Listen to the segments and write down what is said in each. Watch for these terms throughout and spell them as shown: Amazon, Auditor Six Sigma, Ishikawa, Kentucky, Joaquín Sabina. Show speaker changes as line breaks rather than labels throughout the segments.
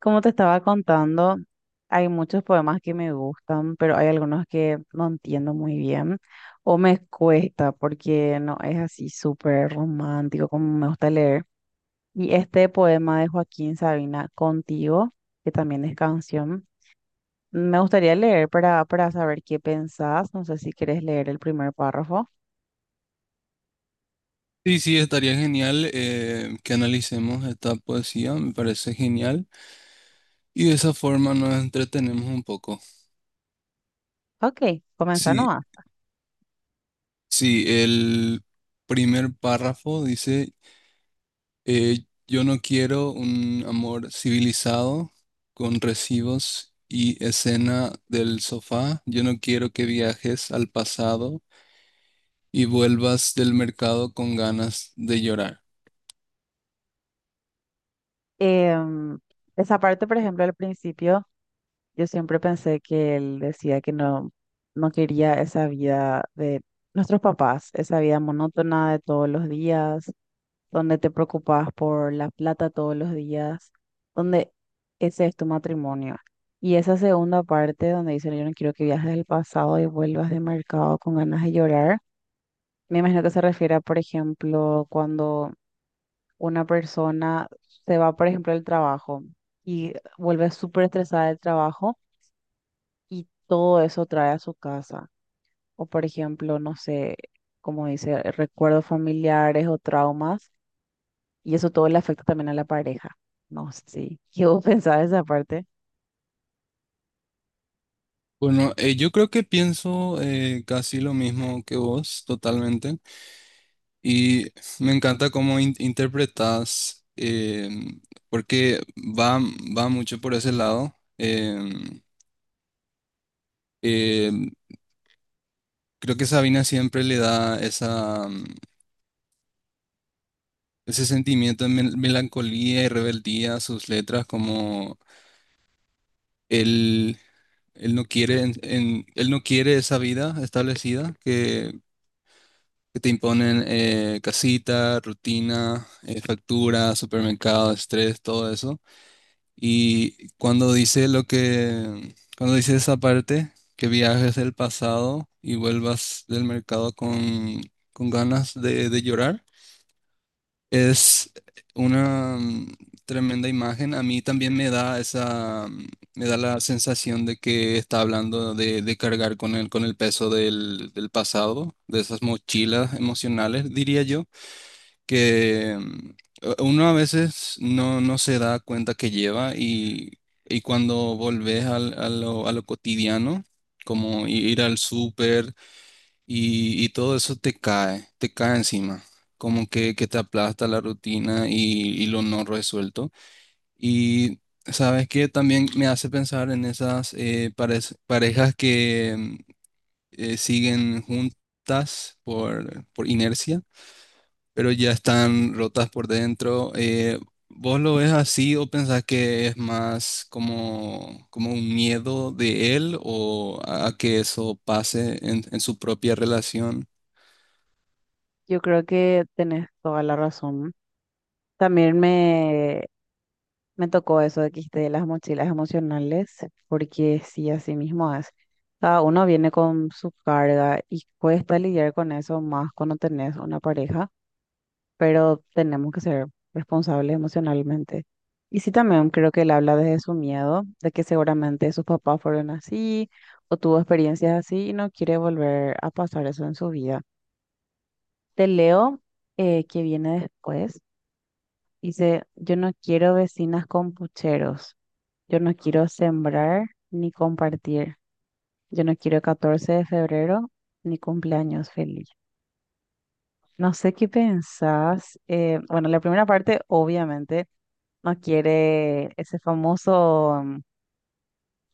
Como te estaba contando, hay muchos poemas que me gustan, pero hay algunos que no entiendo muy bien o me cuesta porque no es así súper romántico como me gusta leer. Y este poema de Joaquín Sabina, Contigo, que también es canción, me gustaría leer para saber qué pensás. No sé si quieres leer el primer párrafo.
Sí, sí, estaría genial que analicemos esta poesía, me parece genial. Y de esa forma nos entretenemos un poco.
Ok, comenzá
Sí,
nomás.
sí, el primer párrafo dice, yo no quiero un amor civilizado con recibos y escena del sofá. Yo no quiero que viajes al pasado y vuelvas del mercado con ganas de llorar.
Em, esa parte, por ejemplo, al principio. Yo siempre pensé que él decía que no quería esa vida de nuestros papás, esa vida monótona de todos los días, donde te preocupas por la plata todos los días, donde ese es tu matrimonio. Y esa segunda parte donde dice, yo no quiero que viajes al pasado y vuelvas de mercado con ganas de llorar, me imagino que se refiere a, por ejemplo, cuando una persona se va, por ejemplo, al trabajo y vuelve súper estresada del trabajo y todo eso trae a su casa. O por ejemplo, no sé, como dice, recuerdos familiares o traumas, y eso todo le afecta también a la pareja. No sé, sí. ¿Qué vos pensás de esa parte?
Bueno, yo creo que pienso casi lo mismo que vos, totalmente. Y me encanta cómo interpretas, porque va mucho por ese lado. em, em, creo que Sabina siempre le da ese sentimiento de melancolía y rebeldía a sus letras, como él, él no quiere esa vida establecida que te imponen casita, rutina, factura, supermercado, estrés, todo eso. Y cuando dice cuando dice esa parte, que viajes del pasado y vuelvas del mercado con ganas de llorar, es una tremenda imagen. A mí también me da la sensación de que está hablando de cargar con el peso del pasado, de esas mochilas emocionales, diría yo que uno a veces no se da cuenta que lleva y cuando volvés a lo cotidiano, como ir al súper y todo eso te cae encima, como que te aplasta la rutina y lo no resuelto. Y sabes que también me hace pensar en esas parejas que siguen juntas por inercia pero ya están rotas por dentro. ¿Vos lo ves así o pensás que es más como un miedo de él o a que eso pase en su propia relación?
Yo creo que tenés toda la razón. También me, me tocó eso de que dijiste de las mochilas emocionales, porque sí, así mismo es. Cada uno viene con su carga y cuesta lidiar con eso más cuando tenés una pareja, pero tenemos que ser responsables emocionalmente. Y sí, también creo que él habla desde su miedo, de que seguramente sus papás fueron así o tuvo experiencias así y no quiere volver a pasar eso en su vida. Te leo que viene después. Dice, yo no quiero vecinas con pucheros, yo no quiero sembrar ni compartir, yo no quiero 14 de febrero ni cumpleaños feliz. No sé qué pensás. Bueno, la primera parte, obviamente, no quiere ese famoso mm,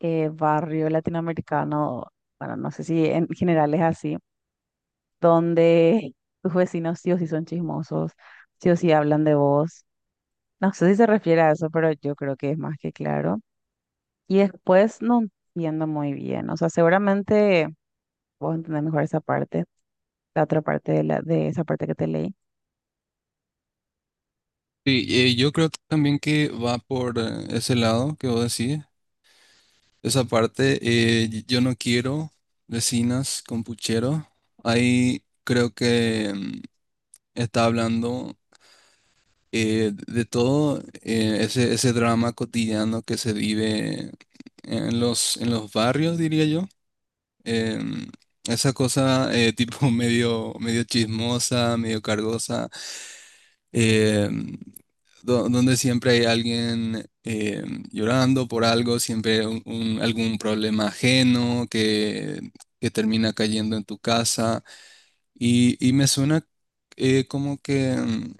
eh, barrio latinoamericano, bueno, no sé si en general es así, donde tus vecinos sí o sí son chismosos, sí o sí hablan de vos. No sé si se refiere a eso, pero yo creo que es más que claro. Y después no entiendo muy bien, o sea, seguramente vos entendés mejor esa parte la otra parte de esa parte que te leí.
Sí, yo creo también que va por ese lado que vos decís, esa parte, yo no quiero vecinas con puchero, ahí creo que está hablando de todo ese drama cotidiano que se vive en los barrios, diría yo. Em, esa cosa tipo medio, medio chismosa, medio cargosa, em, donde siempre hay alguien llorando por algo, siempre algún problema ajeno que termina cayendo en tu casa. Y me suena como que,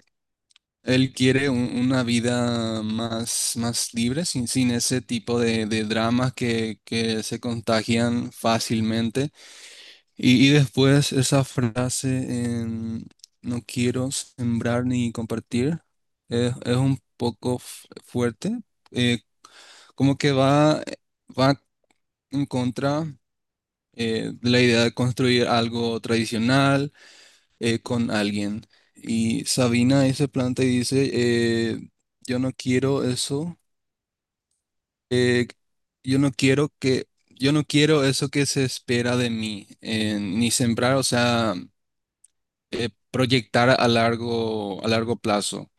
él quiere una vida más libre, sin ese tipo de dramas que se contagian fácilmente. Y después esa frase, en, no quiero sembrar ni compartir, es un poco fuerte, eh, como que va en contra de la idea de construir algo tradicional con alguien. Y Sabina ahí se planta y dice, yo no quiero eso, eh, yo no quiero que, yo no quiero eso que se espera de mí, ni sembrar, o sea, proyectar a largo plazo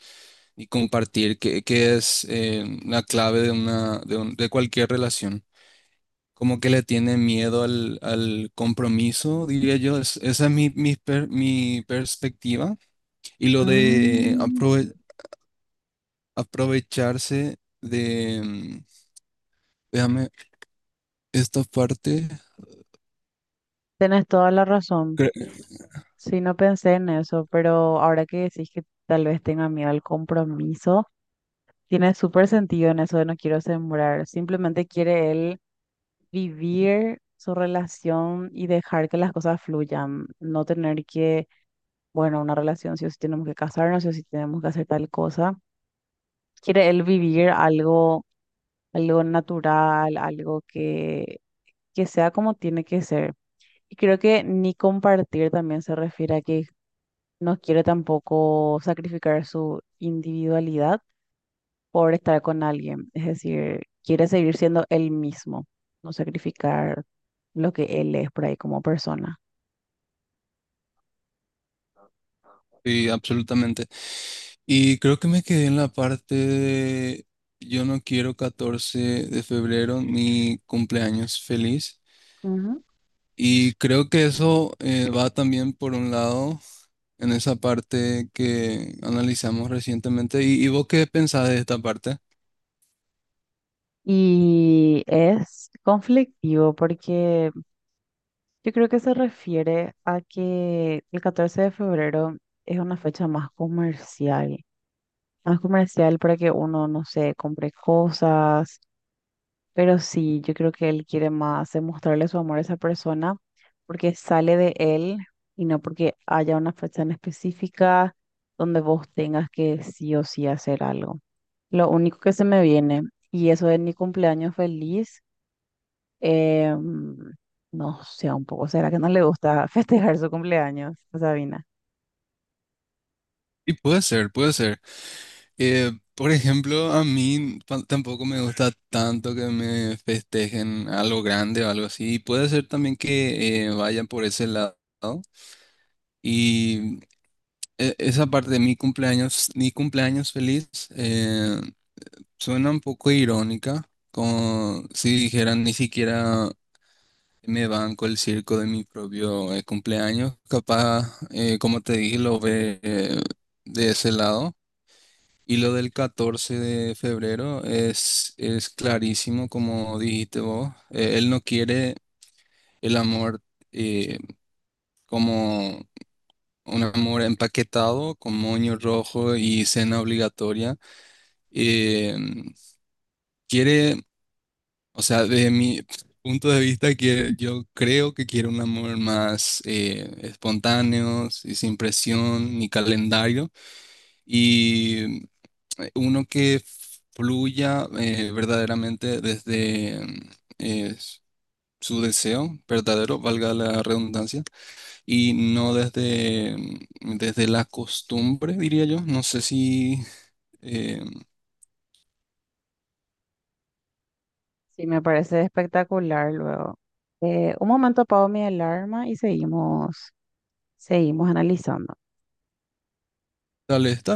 y compartir, que es la clave de una, de un- de cualquier relación. Como que le tiene miedo al compromiso, diría yo. Esa es mi mi perspectiva. Y lo de
Mm.
aprovecharse de, déjame, esta parte,
Tienes toda la razón.
cre-
Sí, no pensé en eso, pero ahora que decís que tal vez tenga miedo al compromiso, tiene súper sentido en eso de no quiero sembrar. Simplemente quiere él vivir su relación y dejar que las cosas fluyan, no tener bueno, una relación si o sí tenemos que casarnos, si o sí tenemos que hacer tal cosa. Quiere él vivir algo natural, algo que sea como tiene que ser. Y creo que ni compartir también se refiere a que no quiere tampoco sacrificar su individualidad por estar con alguien. Es decir, quiere seguir siendo él mismo, no sacrificar lo que él es por ahí como persona.
sí, absolutamente. Y creo que me quedé en la parte de, yo no quiero 14 de febrero, mi cumpleaños feliz.
Ujú.
Y creo que eso va también por un lado en esa parte que analizamos recientemente. ¿Y vos qué pensás de esta parte?
Y es conflictivo porque yo creo que se refiere a que el 14 de febrero es una fecha más comercial para que uno, no sé, compre cosas, pero sí, yo creo que él quiere más demostrarle su amor a esa persona porque sale de él y no porque haya una fecha en específica donde vos tengas que sí o sí hacer algo. Lo único que se me viene, y eso es mi cumpleaños feliz. Eh, no sé, un poco, ¿será que no le gusta festejar su cumpleaños a Sabina?
Y puede ser, puede ser. Por ejemplo, a mí tampoco me gusta tanto que me festejen algo grande o algo así. Puede ser también que vayan por ese lado. Y esa parte de mi cumpleaños feliz, eh, suena un poco irónica, como si dijeran ni siquiera me banco el circo de mi propio cumpleaños. Capaz, como te dije, lo ve de ese lado. Y lo del 14 de febrero es clarísimo, como dijiste vos. Él no quiere el amor eh, como un amor empaquetado, con moño rojo y cena obligatoria. Eh, quiere, o sea, de mi punto de vista, que yo creo que quiere un amor más espontáneo, y sin presión ni calendario. Y uno que fluya verdaderamente desde eh, su deseo verdadero, valga la redundancia, y no desde la costumbre, diría yo. No sé si eh,
Sí, me parece espectacular luego. Un momento, apago mi alarma y seguimos analizando.
tal vez,